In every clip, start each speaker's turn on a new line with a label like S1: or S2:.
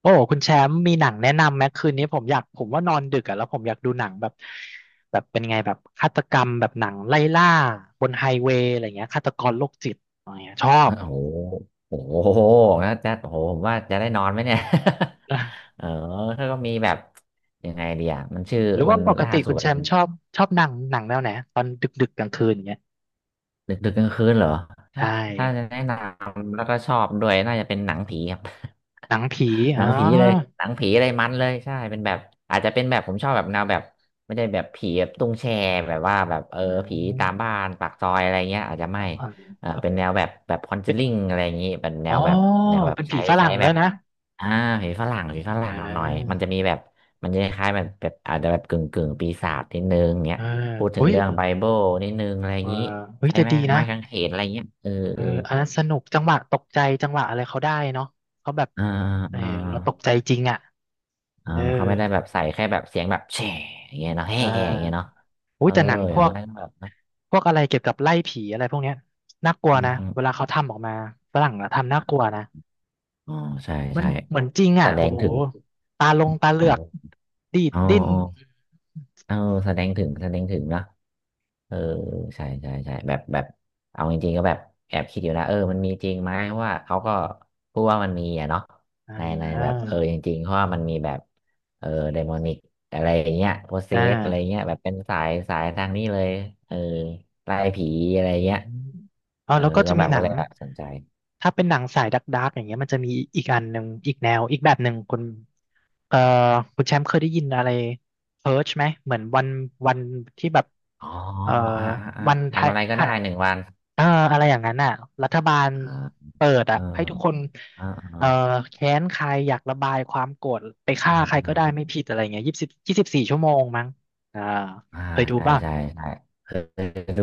S1: โอ้คุณแชมป์มีหนังแนะนำไหมคืนนี้ผมอยากผมว่านอนดึกอะแล้วผมอยากดูหนังแบบเป็นไงแบบฆาตกรรมแบบหนังไล่ล่าบนไฮเวย์อะไรเงี้ยฆาตกรโรคจิตอะไรเงี้ยชอบ
S2: อ่ะโอ้โหโอ้โหแล้วจะโอ้โหผมว่าจะได้นอนไหมเนี่ย
S1: อ่ะ
S2: เออถ้าก็มีแบบยังไงดีอ่ะมันชื่อ
S1: หรือ
S2: มั
S1: ว่า
S2: น
S1: ปก
S2: ล่า
S1: ติ
S2: สุ
S1: คุ
S2: ด
S1: ณแช
S2: มัน
S1: มป์ชอบชอบหนังแนวไหนตอนดึกดึกกลางคืนอย่างเงี้ย
S2: ดึกดึกกลางคืนเหรอถ้า
S1: ใช่
S2: ถ้าจะแนะนำแล้วก็ชอบด้วยน่าจะเป็นหนังผีครับ
S1: หนังผี
S2: ห
S1: อ๋
S2: นั
S1: อ
S2: งผีเลย หนังผีเลยมันเลยใช่เป็นแบบอาจจะเป็นแบบผมชอบแบบแนวแบบไม่ได้แบบผีแบบตุ้งแชร์แบบว่าแบบเออ
S1: อื
S2: ผีตาม
S1: ม
S2: บ้านปากซอยอะไรเงี้ยอาจจะ
S1: อ
S2: ไม่
S1: ่า
S2: เออเป็นแนวแบบแบบคอนเจ
S1: เป็น
S2: ลิ่งอะไรอย่างงี้เป็นแน
S1: อ๋อ
S2: วแบบแนวแบบ
S1: เป็นผี
S2: ใช้
S1: ฝ
S2: ใช้
S1: รั่ง
S2: แบ
S1: ด้วย
S2: บ
S1: นะ
S2: อ่าผีฝรั่งผีฝ
S1: อ่
S2: รั่งหน่อยมั
S1: า
S2: นจะมีแบบมันจะคล้ายๆแบบแบบอาจจะแบบกึ่งกึ่งปีศาจนิดนึงเงี้
S1: เอ
S2: ย
S1: อ
S2: พูดถึ
S1: เฮ้
S2: ง
S1: ย
S2: เรื่อ
S1: เ
S2: งไบเบิลนิดนึงอะไรอ
S1: อ
S2: ย่า
S1: อ
S2: งนี้
S1: เฮ้ย
S2: ใช้
S1: แต่
S2: ไม้
S1: ดีนะ
S2: ไม้กางเขนอะไรเงี้ยเออ
S1: เอออันนั้นสนุกจังหวะตกใจจังหวะอะไรเขาได้เนาะเขาแบบ
S2: เออ
S1: เออ
S2: อ่าอ่า
S1: เราตกใจจริงอ่ะ
S2: อ่า
S1: เออ
S2: เขาไม่ได้แบบใส่แค่แบบเสียงแบบแฉอย่างเงี้ยเนาะแฮ่
S1: อ่
S2: อย่างเงี้ยเนาะ
S1: าอุ้
S2: เอ
S1: ย
S2: อ
S1: แต่หนังพ
S2: อย่าง
S1: วก
S2: น้อยก็แบบนะ
S1: พวกอะไรเกี่ยวกับไล่ผีอะไรพวกเนี้ยน่ากลัว
S2: อืม
S1: นะ
S2: อืม
S1: เวลาเขาทำออกมาฝรั่งอะทำน่ากลัวนะ
S2: อ๋อใช่
S1: มัน
S2: ใช่
S1: เหมือนจริง
S2: แต่
S1: อ่ะ
S2: แด
S1: โอ้
S2: ง
S1: โห
S2: ถึง
S1: ตาลงตาเหลื
S2: อ๋
S1: อก
S2: อ
S1: ดีด
S2: อ๋อ
S1: ดิ้น
S2: เออแสดงถึงแสดงถึงเนาะเออใช่ใช่ใช่แบบแบบเอาจริงๆก็แบบแอบคิดอยู่นะเออมันมีจริงไหมเพราะว่าเขาก็พูดว่ามันมีอะเนาะ
S1: อ่
S2: ในแบบ
S1: า
S2: เออจริงๆเพราะว่ามันมีแบบเออไดมอนิกอะไรอย่างเงี้ยโพเซ
S1: อ่
S2: สอะไรเงี้
S1: า
S2: ยแบบเป็นสายทางนี้เลยเออไล่ผีอะไร
S1: อื
S2: เงี้ย
S1: มอ๋อ
S2: เออ
S1: แล้วก็จะ
S2: ก็แบ
S1: มี
S2: บ
S1: หนั
S2: ก็เล
S1: ง
S2: ยแบบสนใจ
S1: ถ้าเป็นหนังสายดัก์กๆอย่างเงี้ยมันจะมีอีกอันหนึ่งอีกแนวอีกแบบหนึ่งคุณเอ่อคุณแชมป์เคยได้ยินอะไรเพิร์ชไหมเหมือนวันที่แบบ
S2: อ๋อ
S1: เอ่อ
S2: อ่าอ่าอ่า
S1: วันไท
S2: ทำ
S1: ย
S2: อะไร
S1: ไท
S2: ก็ได้
S1: ย
S2: หนึ่งวัน
S1: เอ่ออะไรอย่างนั้นอ่ะรัฐบาล
S2: อ่า
S1: เปิด
S2: เอ
S1: อ่ะ
S2: อ
S1: ให้ทุกคน
S2: อ่าอ่
S1: เอ่อแค้นใครอยากระบายความโกรธไปฆ่า
S2: า
S1: ใครก็
S2: อ่า
S1: ได้ไม่ผิดอะไรเงี้ย24 ชั่วโมงมั้งอ่า
S2: อ่า
S1: เคยดู
S2: ใช่
S1: ป่ะ
S2: ใช่ใช่เคยดู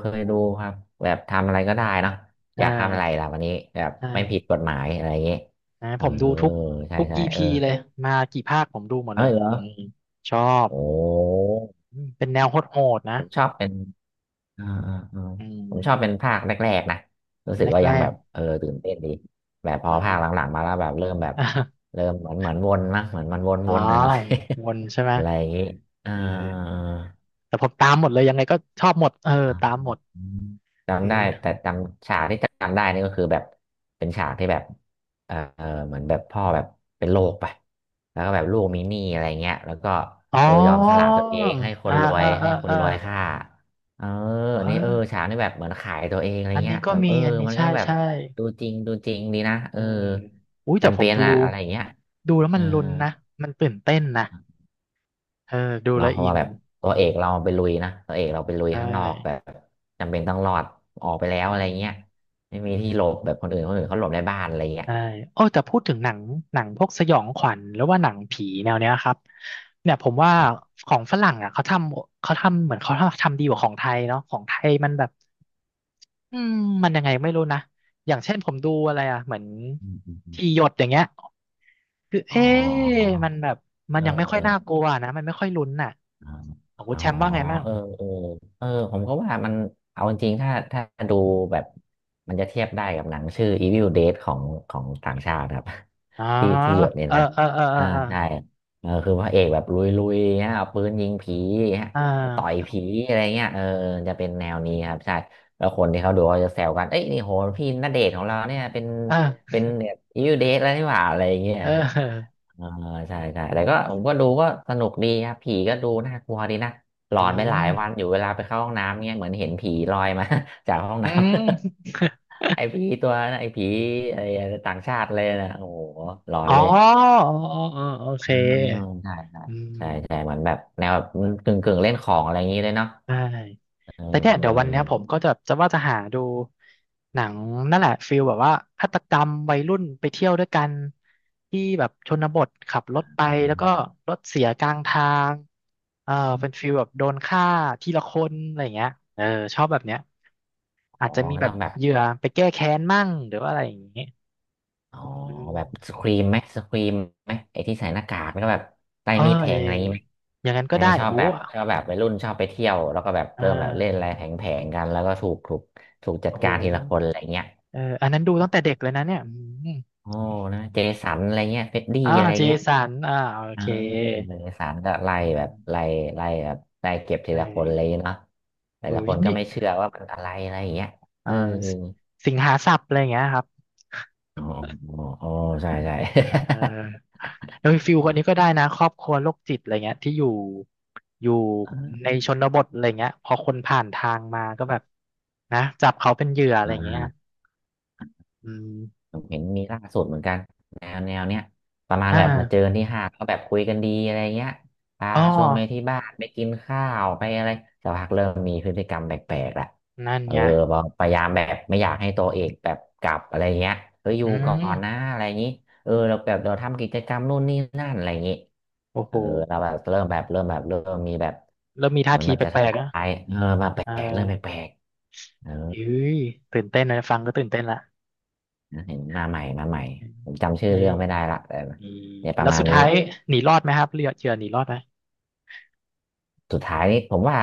S2: เคยดูครับแบบทำอะไรก็ได้เนอะอ
S1: อ่
S2: ยากทำอะไร
S1: า
S2: ล่ะวันนี้แบบ
S1: ใช่
S2: ไม่ผิดกฎหมายอะไรอย่างงี้
S1: นะ
S2: เอ
S1: ผ
S2: อ
S1: มดูทุก
S2: ใช่
S1: ทุก
S2: ใช่
S1: อี
S2: เออ
S1: พีเลยมากี่ภาคผมดูหมด
S2: เอ้
S1: เลย
S2: ยเหรอ
S1: อืมชอบ
S2: โอ้
S1: อืมเป็นแนวโหดๆนะ
S2: ผมชอบเป็นอ่าอ่าอ่า
S1: อื
S2: ผมชอบเป็น
S1: ม
S2: ภาคแรกๆนะรู้สึ
S1: แ
S2: กว่า
S1: ร
S2: ยังแบ
S1: ก
S2: บ
S1: ๆ
S2: เออตื่นเต้นดีแบบพอ
S1: นะ
S2: ภาคหลังๆมาแล้วแบบเริ่มแบบ
S1: อ่ะ
S2: เริ่มเหมือนวนมั้งเหมือนมัน
S1: อ๋อ
S2: วนๆหน่อย
S1: วนใช่
S2: ๆ
S1: ไหม
S2: อะไรอย่างงี้เออ
S1: เออแต่ผมตามหมดเลยยังไงก็ชอบหมดเออ
S2: อ่
S1: ตาม
S2: า
S1: หมดเออ
S2: จำได้แต่จำฉากที่จำได้นี่ก็คือแบบเป็นฉากที่แบบเออเหมือนแบบพ่อแบบเป็นโรคไปแล้วก็แบบลูกมีหนี้อะไรเงี้ยแล้วก็
S1: อ๋
S2: เออยอมสละ
S1: อ
S2: ตัวเองให้ค
S1: อ่า
S2: นรว
S1: อ่า
S2: ย
S1: อ่า
S2: ให้คน
S1: อ่า
S2: รวยฆ่าเอออั
S1: เอ
S2: นนี้เอ
S1: อ
S2: อฉากนี่แบบเหมือนขายตัวเองอะไร
S1: อัน
S2: เงี้
S1: นี้
S2: ย
S1: ก็
S2: แบบ
S1: มี
S2: เออ
S1: อันนี้
S2: มันก็
S1: ใช่
S2: แบบ
S1: ใช่
S2: ดูจริงดูจริงดีนะ
S1: เอ
S2: เอ
S1: อ
S2: อ
S1: อุ้ยแต่
S2: จำ
S1: ผ
S2: เป็
S1: ม
S2: น
S1: ดู
S2: อะอะไรเงี้ย
S1: ดูแล้ว
S2: เอ
S1: มั
S2: อ
S1: นลุ้นนะมันตื่นเต้นนะเออดู
S2: เนาะ
S1: แล้ว
S2: เพ
S1: อิ
S2: ราะว่า
S1: น
S2: แบบตัวเอกเราไปลุยนะตัวเอกเราไปลุย
S1: ใช่
S2: ข้างนอกแบบจำเป็นต้องรอดออกไปแล้ว
S1: อื
S2: อะไรเงี้ย
S1: ม
S2: ไม่มีที่หลบแบบคนอื่นเขาหลบในบ้านอะไรเงี้ย
S1: ใช่โอ้แต่พูดถึงหนังหนังพวกสยองขวัญหรือว่าหนังผีแนวเนี้ยครับเนี่ยผมว่า
S2: ครับ
S1: ของฝรั่งอ่ะเขาทำเหมือนเขาทำดีกว่าของไทยเนาะของไทยมันแบบอืมมันยังไงไม่รู้นะอย่างเช่นผมดูอะไรอ่ะเหมือน
S2: อืมอืมอม
S1: ที่หยดอย่างเงี้ยคือ
S2: อ๋
S1: เอ๊ะ
S2: อ
S1: มันแบบมัน
S2: เออ
S1: ยังไม่ค่อ
S2: เอ
S1: ย
S2: อ
S1: น่ากลัวนะมันไม่ค่อยลุ้นน่ะ
S2: อ่า
S1: ของคุ
S2: อ๋
S1: ณ
S2: อ
S1: แชมป์ว่าไงมั่ง
S2: เออเออเออผมก็ว่ามันเอาจริงๆถ้าดูแบบ มันจะเทียบได้กับหนังชื่อ Evil Dead ของต่างชาติครับ
S1: อ๋อ
S2: ที่หยดเนี่ย
S1: เออ
S2: นะ
S1: เออเออเออ
S2: อ่า
S1: เออ
S2: ใช่เออคือพระเอกแบบลุยๆฮะเอาปืนยิงผีฮะ
S1: อ่
S2: ต่อย
S1: า
S2: ผีอะไรเงี้ยเออจะเป็นแนวนี้ครับใช่แล้วคนที่เขาดูเขาจะแซวกันเอ้ยนี่โหพี่ณเดชน์ของเราเนี่ยเป็น
S1: เออ
S2: แบบ Evil Dead แล้วนี่หว่าอะไรเงี้ย
S1: เออ
S2: เอ่าใช่ใช่แต่ก็ผมก็ดูก็สนุกดีครับผีก็ดูน่ากลัวดีนะหล
S1: อื
S2: อนไปหลา
S1: ม
S2: ยวันอยู่เวลาไปเข้าห้องน้ำเงี้ยเหมือนเห็นผีลอยมา จากห้อง
S1: อื
S2: น้ำ
S1: ม
S2: ไอ้ผีตัวนะไอ้ผีไอ้ต่างชาติเลยนะโอ้โหหลอน
S1: อ๋อ
S2: เลย
S1: อ๋ออ๋อโอเค
S2: อ่าใช่
S1: อื
S2: ใช่ใช่
S1: ม
S2: เหมือนแบบแนวแบบกึ่งกึ่งเล่นของอะไรอย่างนี้เลยเนาะ
S1: ได้
S2: เออ
S1: แต่เนี่ยเดี๋ยววันเนี้ยผมก็จะว่าจะหาดูหนังนั่นแหละฟิลแบบว่าฆาตกรรมวัยรุ่นไปเที่ยวด้วยกันที่แบบชนบทขับรถไปแล้วก็รถเสียกลางทางเออเป็นฟิลแบบโดนฆ่าทีละคนอะไรอย่างเงี้ยเออชอบแบบเนี้ย
S2: อ๋
S1: อา
S2: อ
S1: จจะมี
S2: ก็
S1: แบ
S2: ต้
S1: บ
S2: องแบบ
S1: เหยื่อไปแก้แค้นมั่งหรือว่าอะไรอย่างงี้
S2: อ๋อ
S1: อืม
S2: แบบสครีมไหมสครีมไหมไอ้ที่ใส่หน้ากากแล้วก็แบบใต้
S1: เอ๋อ
S2: มีดแท
S1: เออ
S2: งอะไรอย่างงี้ไหม
S1: อย่างนั้นก็
S2: เออ
S1: ได้
S2: ช
S1: โอ้
S2: อบ
S1: โห
S2: แบบชอบแบบวัยรุ่นชอบไปเที่ยวแล้วก็แบบ
S1: เออ
S2: เริ่มแบบเล่นอะไรแผงๆกันแล้วก็ถูกถูกจัด
S1: โอ้โห
S2: การทีละคนอะไรเงี้ย
S1: เอออันนั้นดูตั้งแต่เด็กเลยนะเนี่ยอืม
S2: โอ้นะเจสันอะไรเงี้ยเฟดดี้
S1: อ่า
S2: อะไร
S1: เจ
S2: เงี้ย
S1: สันอ่าโอ
S2: เออ
S1: เค
S2: เจสันก็ไล่
S1: อื
S2: แบบไล่
S1: ม
S2: ไล่แบบไล่เก็บที
S1: เอ
S2: ละคนเลย
S1: อ
S2: เนาะแต่
S1: เอ
S2: ละ
S1: อ
S2: คนก็
S1: นี่
S2: ไม่เชื่อว่ามันอะไรอะไรอย่างเงี้ยเอ
S1: อ่า
S2: อ
S1: สสิงหาสับอะไรอย่างเงี้ยครับ
S2: อ๋ออ๋อใช่ใช่
S1: เออโดยฟิลคนนี้ก็ได้นะครอบครัวโรคจิตอะไรเงี้ยที่อยู่ใน ชนบทอะไรเงี้ยพอคนผ่านทางมาก็แบบนะจับเขาเป็นเหยื่ออะไร
S2: อ่
S1: เงี้ย
S2: า
S1: อืม
S2: ผมเห็นมีล่าสุดเหมือนกันแนวเนี้ยประมาณ
S1: อ่
S2: แบบมาเจอ
S1: า
S2: กันที่ห้างก็แบบคุยกันดีอะไรเงี้ยพา
S1: อ๋อ
S2: ชวนไปที่บ้านไปกินข้าวไปอะไรสักพักเริ่มมีพฤติกรรมแปลกๆละ
S1: นั่น
S2: เออ
S1: ไง
S2: บอกพยายามแบบไม่อยากให้ตัวเอกแบบกลับอะไรเงี้ยเฮ้ยอ
S1: อื
S2: ยู่ก่อนนะ
S1: ม
S2: อะไรอย่างนี้เออเราทำกิจกรรมนู่นนี่นั่นอะไรอย่างงี้
S1: โอ้
S2: เอ
S1: โห
S2: อเราแบบเริ่มมีแบบ
S1: เริ่มมี
S2: เห
S1: ท่า
S2: มือน
S1: ที
S2: แบบ
S1: แป
S2: จะ
S1: ลก
S2: ทำ
S1: ๆ
S2: ลา
S1: อ่ะ
S2: ยเออมาแปล
S1: เออ
S2: กเริ่มแปลกๆเออ
S1: อุ้ยตื่นเต้นนะฟังก็ตื่นเต้นละ
S2: นะเห็นมาใหม่มาใหม่ ผมจำชื่อ
S1: เฮ้
S2: เรื่
S1: ย
S2: องไม่ได้ละแต่
S1: อี
S2: เนี่ยป
S1: แล้
S2: ระ
S1: ว
S2: มาณ
S1: สุด
S2: นี้
S1: ท้ายหนีรอดไหมครับเรือเจือหนีรอดไหม
S2: สุดท้ายนี่ผมว่า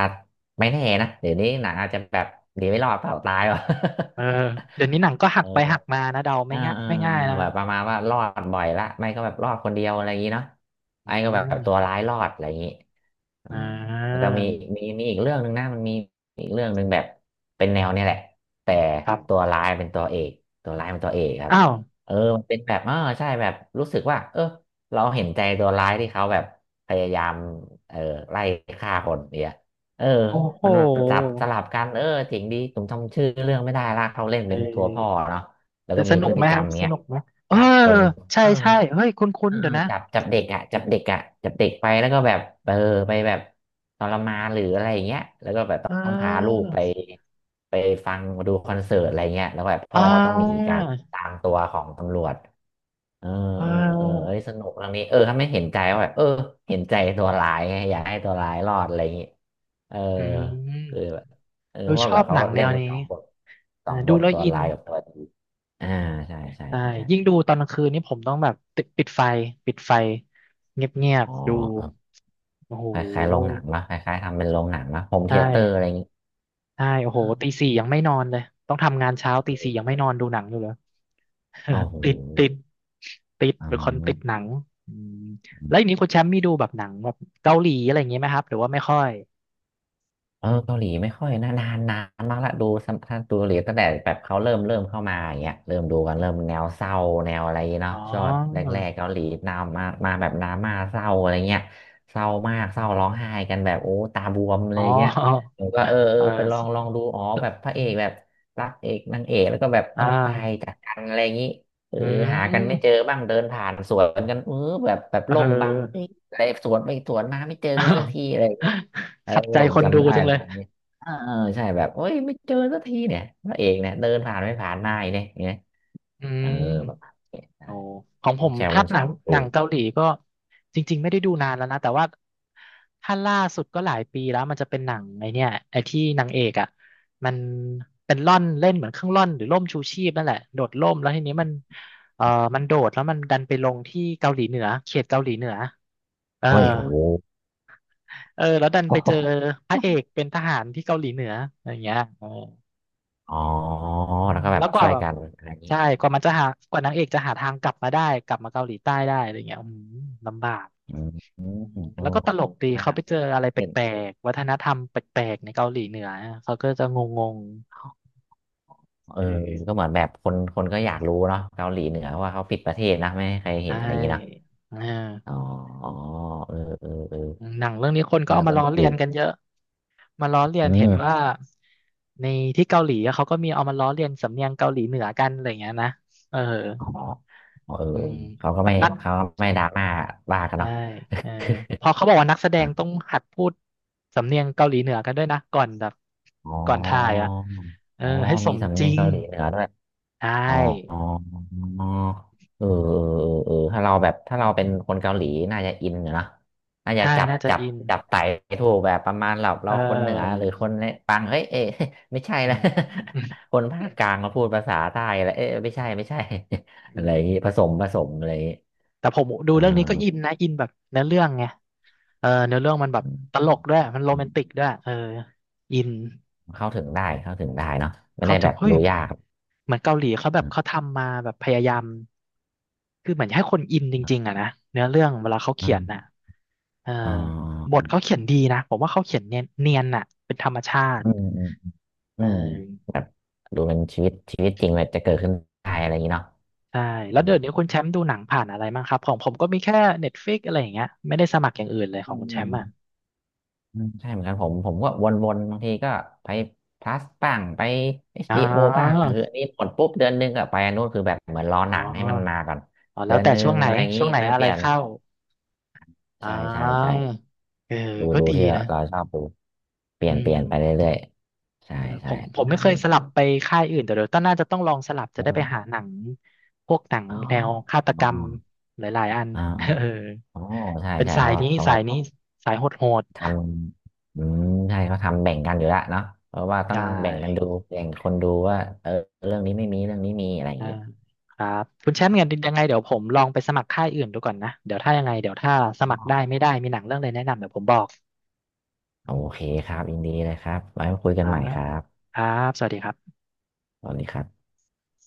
S2: ไม่แน่นะเดี๋ยวนี้หนังอาจจะแบบดีไม่รอดเปล่าตายว่ะ
S1: เออเดี๋ยวนี้หนังก็ หั
S2: เอ
S1: ก
S2: อ
S1: ไปหักมานะเดา
S2: เอ
S1: ไม่
S2: อ
S1: ง่าย
S2: เออ
S1: ไม่ง่าย
S2: เออ
S1: นะ
S2: แบบประมาณว่ารอดบ่อยละไม่ก็แบบรอดคนเดียวอะไรอย่างนี้เนาะ
S1: อื
S2: ไอ้ก็แบบตัว
S1: ม
S2: ร้ายรอดอะไรอย่างนี้อื
S1: อ่
S2: มมัน
S1: า
S2: ก็มีมีอีกเรื่องหนึ่งนะมันมีอีกเรื่องหนึ่งแบบเป็นแนวเนี่ยแหละแต่
S1: ครั
S2: ตัว
S1: บ
S2: ร้ายเป็นตัวเอกตัวร้ายเป็นตัวเอกครับ
S1: อ้าว
S2: เออมันเป็นแบบเออใช่แบบรู้สึกว่าเออเราเห็นใจตัวร้ายที่เขาแบบพยายามเออไล่ฆ่าคนเนี่ยเออ
S1: โอ้โห
S2: มันจับสลับกันเออถึงดีผมจำชื่อเรื่องไม่ได้ละเขาเล่น
S1: เอ
S2: เป็นตัวพ่อ
S1: อ
S2: เนาะ แล้ว
S1: แต่
S2: ก็
S1: ส
S2: มี
S1: นุ
S2: พ
S1: ก
S2: ฤ
S1: ไหม
S2: ติก
S1: ค
S2: ร
S1: รั
S2: ร
S1: บ
S2: ม
S1: ส
S2: เนี้ย
S1: นุกไหมเออ
S2: จับคน
S1: ใช่
S2: เออ
S1: ใช่เฮ้ยคุ้
S2: เอ
S1: น
S2: อ
S1: ๆ
S2: เอ
S1: เดี๋ยว
S2: อ
S1: นะ
S2: จับเด็กอ่ะจับเด็กไปแล้วก็แบบเออไปแบบทรมานหรืออะไรอย่างเงี้ยแล้วก็แบบต
S1: เ
S2: ้องพาลู
S1: อ
S2: ก
S1: อ
S2: ไปฟังดูคอนเสิร์ตอะไรเงี้ยแล้วแบบ
S1: อ่
S2: พ่อก็ต้องหนี
S1: า
S2: การตามตัวของตำรวจเ
S1: เ
S2: เออออเอ้
S1: ออ
S2: ยสนุกเรื่องนี้เออถ้าไม่เห็นใจว่าแบบเออเห็นใจตัวร้ายไงอยากให้ตัวร้ายรอดอะไรอย่างงี้เออ
S1: อืม
S2: คือแบบเออ
S1: เรา
S2: เพราะ
S1: ช
S2: ว่า
S1: อ
S2: แบบ
S1: บ
S2: เขา
S1: หนังแน
S2: เล่น
S1: ว
S2: ทั้ง
S1: นี้
S2: สองบทส
S1: เออ
S2: องบ
S1: ดู
S2: ท
S1: แล้ว
S2: ตัว
S1: อิน
S2: ร้ายกับตัวดี อ่าใช่ใช่
S1: ใช่
S2: ใช่
S1: ยิ่งดูตอนกลางคืนนี่ผมต้องแบบติดปิดไฟเงียบ
S2: อ๋อ
S1: ๆดูโอ้โห
S2: เออคล้ายๆโรงหนังนะคล้ายๆทำเป็นโรงหนังนะโฮม
S1: ใช่
S2: เธียเตอร์อะไรอย่างงี้
S1: ใช่โอ้โห
S2: เอ
S1: ตี
S2: อ
S1: สี่ยังไม่นอนเลยต้องทำงานเช้าตีสี่ยังไม่นอนดูหนังอยู่เลย
S2: โอ้โห
S1: ติดติดติด
S2: อื
S1: เป็นคนติดหนั
S2: ม
S1: งอืมแล้วอย่างนี้คุณแชมป์มีดูแบบหนังแบบเกาหลีอะไรอย่างงี้ไหมครับหรือว่าไม่ค่อย
S2: เออเกาหลีไม่ค่อยนะนานมากละดูสัมท่านธ์ดูเกาหลีตั้งแต่แบบเขาเริ่มเข้ามาอย่างเงี้ยเริ่มดูกันเริ่มแนวเศร้าแนวอะไรเนาะ
S1: อ๋อ
S2: ชอบแรกๆเกาหลีนำมาแบบดราม่าเศร้าอะไรเงี้ยเศร้ามากเศ
S1: อื
S2: ร้าร้อง
S1: ม
S2: ไห้กันแบบโอ้ตาบวมเล
S1: อ๋อ
S2: ยเงี้ยผมก็เออ เอ
S1: เอ
S2: อ
S1: อ
S2: ไปลองดูอ๋อแบบพระเอกแบบ รักเอกนางเอกแล้วก็แบบ
S1: อ่า
S2: ต้องตายจากกันอะไรอย่างงี้เออ
S1: อื
S2: หากันไม่เจอ
S1: ม
S2: บ้างเดินผ่านสวนกันเออแบบ
S1: เอ
S2: ล่มบังเอ้ย
S1: อ
S2: อะไรสวนไปสวนมาไม่เจอ
S1: อ้า
S2: กันสั
S1: ว
S2: กทีอะไร เออ
S1: ขัดใจ
S2: ผม
S1: คนดู
S2: จำได้
S1: จัง
S2: เล
S1: เล
S2: ย
S1: ย
S2: อันนี้เออใช่แบบโอ้ยไม่เจอสักทีเนี่ยพระเอกเนี่ยเดินผ่านไม่ผ่านหน้าอีกเนี่ยอย่างเงี้ย
S1: อื
S2: เออ
S1: ม
S2: แบบเนี่ยได้
S1: โอ้ของผมถ้า
S2: คุณ
S1: ห
S2: แช
S1: นัง
S2: มป์ตู
S1: หนัง
S2: น
S1: เกาหลีก็จริงๆไม่ได้ดูนานแล้วนะ แต่ว่าถ้าล่าสุดก็หลายปีแล้วมันจะเป็นหนังไอเนี่ยไอที่นางเอกอ่ะมันเป็นร่อนเล่นเหมือนเครื่องร่อนหรือร่มชูชีพนั่นแหละโดดร่มแล้วทีนี้มันเออมันโดดแล้วมันดันไปลงที่เกาหลีเหนือเขตเกาหลีเหนือเออ
S2: โอ้ยโอ้โห
S1: เออแล้วดันไปเจอ พระเอกเป็นทหารที่เกาหลีเหนืออะไรอย่างเงี้ยเออ
S2: อ๋อ
S1: อ๋อ
S2: แล้วก็แบ
S1: แล้
S2: บ
S1: วก
S2: ช่
S1: ว่า
S2: วย
S1: แบบ
S2: กันอะไรอย่างงี้
S1: ใช่กว่ามันจะหากว่านางเอกจะหาทางกลับมาได้กลับมาเกาหลีใต้ได้อะไรเงี้ยอืมลำบาก
S2: อืม
S1: อืม
S2: เออ
S1: แล้วก็ตลกดี
S2: นา
S1: เขาไปเจออะไรแป
S2: เป็น
S1: ลกๆวัฒนธรรมแปลกๆในเกาหลีเหนือเขาก็จะงง
S2: เอ
S1: ๆ
S2: อ
S1: เออ
S2: ก็เหมือนแบบคนก็อยากรู้เนาะเกาหลีเหนือว่าเขาปิดประเทศนะไม่ให้ใครเห็
S1: ใช่
S2: นอะไรอย่างงี้นะ
S1: อ่า
S2: อ๋อเออ
S1: หนังเรื่องนี้คนก็
S2: น่า
S1: เอา
S2: ส
S1: มาล้อ
S2: นุก
S1: เลีย
S2: ดี
S1: นกันเยอะมาล้อเลีย
S2: อื
S1: นเห็นว่า
S2: ม
S1: ในที่เกาหลีอะเขาก็มีเอามาล้อเลียนสำเนียงเกาหลีเหนือกันอะไรเงี้ยนะเออ
S2: อ๋อเออ
S1: อืม
S2: เขาก็ไม่
S1: นัก
S2: ดราม่าว่ากัน
S1: ใช่
S2: เนาะ
S1: เออเขาบอกว่านักแสด งต้อง
S2: อะ
S1: หัดพูดสำเนียงเกาหลีเหนือกันด้วยนะก่อนแบบ
S2: อ๋
S1: ก่อนถ่าย
S2: อ
S1: อ่ะเออ
S2: อ๋อ
S1: ให้ส
S2: มี
S1: ม
S2: สำ
S1: จ
S2: เนี
S1: ริ
S2: ยง
S1: ง
S2: เกาหลีเหนือด้วย
S1: ใช
S2: อ๋อ
S1: ่
S2: อ๋อเออถ้าเราแบบถ้าเราเป็นคนเกาหลีน่าจะอินอยู่นะน่าจะ
S1: ใช่น่าจะอิน
S2: จับไต่ถูกแบบประมาณเรา
S1: เ
S2: เราคนเหนือห
S1: ออ
S2: รือคนเนี่ยปังเฮ้ยเอ๊ะ ไม่ใช่
S1: อื
S2: นะ
S1: ม
S2: คนภาคกลางมาพูดภาษาใต้แล้วเอ๊ะไม่ใช่
S1: อื
S2: อะไรอย่างงี้
S1: ม
S2: ผสมอะไรอย่างงี้
S1: แต่ผมดู
S2: อ่
S1: เรื่องนี้ก็อิน
S2: า
S1: นะอินแบบเนื้อเรื่องไงเออเนื้อเรื่องมันแบบตลกด้วยมันโรแมนติกด้วยเอออิน
S2: เข้าถึงได้เนาะไม่
S1: เข้า
S2: ได้
S1: ถึ
S2: แบ
S1: ง
S2: บ
S1: เฮ้ย
S2: ดูยาก
S1: เหมือนเกาหลีเขาแบ
S2: อื
S1: บ
S2: ม
S1: เขาทำมาแบบพยายามคือเหมือนให้คนอินจริงๆอะนะเนื้อเรื่องเวลาเขา
S2: อื
S1: เขียน
S2: ม
S1: น่ะเออ
S2: อ๋อ
S1: บทเขาเขียนดีนะผมว่าเขาเขียนเนียนน่ะเป็นธรรมชาติ
S2: อืมอืมอื
S1: เอ
S2: มแบ
S1: อ
S2: บดูเป็นชีวิตจริงแบบจะเกิดขึ้นได้อะไรอย่างนี้เนาะ
S1: ใช่แล้
S2: อื
S1: วเดี๋ย
S2: ม
S1: วนี้คุณแชมป์ดูหนังผ่านอะไรบ้างครับของผมก็มีแค่ Netflix อะไรอย่างเงี้ยไม่ได้สมัครอย่างอื่นเลยข
S2: อื
S1: อง
S2: ม
S1: คุณแช
S2: อื
S1: มป์อ่ะ
S2: มอืมใช่เหมือนกันผมก็วนๆบางทีก็ไปพลัสบ้างไปเอช
S1: อ๋
S2: บี b o บ้าง
S1: อ
S2: คืออันนี้หมดปุ๊บเดือนหนึงก็ไปอันนู้นคือแบบเหมือนรอ
S1: อ๋
S2: ห
S1: อ
S2: นังให้มันมาก่อน
S1: อ๋อแล้
S2: เดื
S1: ว
S2: อน
S1: แต่
S2: หนึ
S1: ช่
S2: ง
S1: วงไหน
S2: อะไรอย่างนี้
S1: ช่วงไหน
S2: ค่อย
S1: อะ
S2: เป
S1: ไร
S2: ลี่ยน
S1: เข้าอ๋อ
S2: ใช่ใช่
S1: เออ
S2: ดู
S1: ก็ดี
S2: ที่เรา
S1: นะ
S2: เราชอบดู
S1: อื
S2: เปลี่ยนไป
S1: ม
S2: เรื่อยๆใช่
S1: เออผ
S2: ใช่
S1: มผ
S2: ป
S1: ม
S2: ระ
S1: ไม่
S2: มาณ
S1: เคย
S2: นี้
S1: สลับไปค่ายอื่นแต่เดี๋ยวต้องน่าจะต้องลองสลับจะได้ไปหาหนังพวกหนัง
S2: อ๋อ
S1: แนวฆาตก
S2: อ๋อ
S1: รรมหลายๆอัน
S2: อ๋อ
S1: เออ
S2: อ๋อใช่
S1: เป็น
S2: ใช่
S1: สา
S2: เพ
S1: ย
S2: ราะ
S1: นี้
S2: เขา
S1: สา
S2: ก็
S1: ยนี้สายโหด
S2: ทำอืมใช่เขาทำแบ่งกันอยู่ละเนาะเพราะว่า
S1: ๆ
S2: ต้อ
S1: ได้
S2: งแบ่งกันดู แบ่งคนดูว่าเออเรื่องนี้ไม่มี เรื่องนี้มีอะไรอย่าง
S1: อ่า
S2: นี้
S1: ครับคุณแชมป์เงินยังไงเดี๋ยวผมลองไปสมัครค่ายอื่นดูก่อนนะเดี๋ยวถ้ายังไงเดี๋ยวถ้าสมัครได้
S2: อ๋อ
S1: ไม่ได้มีหนังเรื่องอะไรแนะนำเดี๋ยวผมบอก
S2: โอเคครับยินดีเลยครับไว้มาคุย
S1: ค
S2: กัน
S1: รั
S2: ให
S1: บ
S2: ม่ครับ
S1: ครับสวัสดีครับ
S2: สวัสดีครับ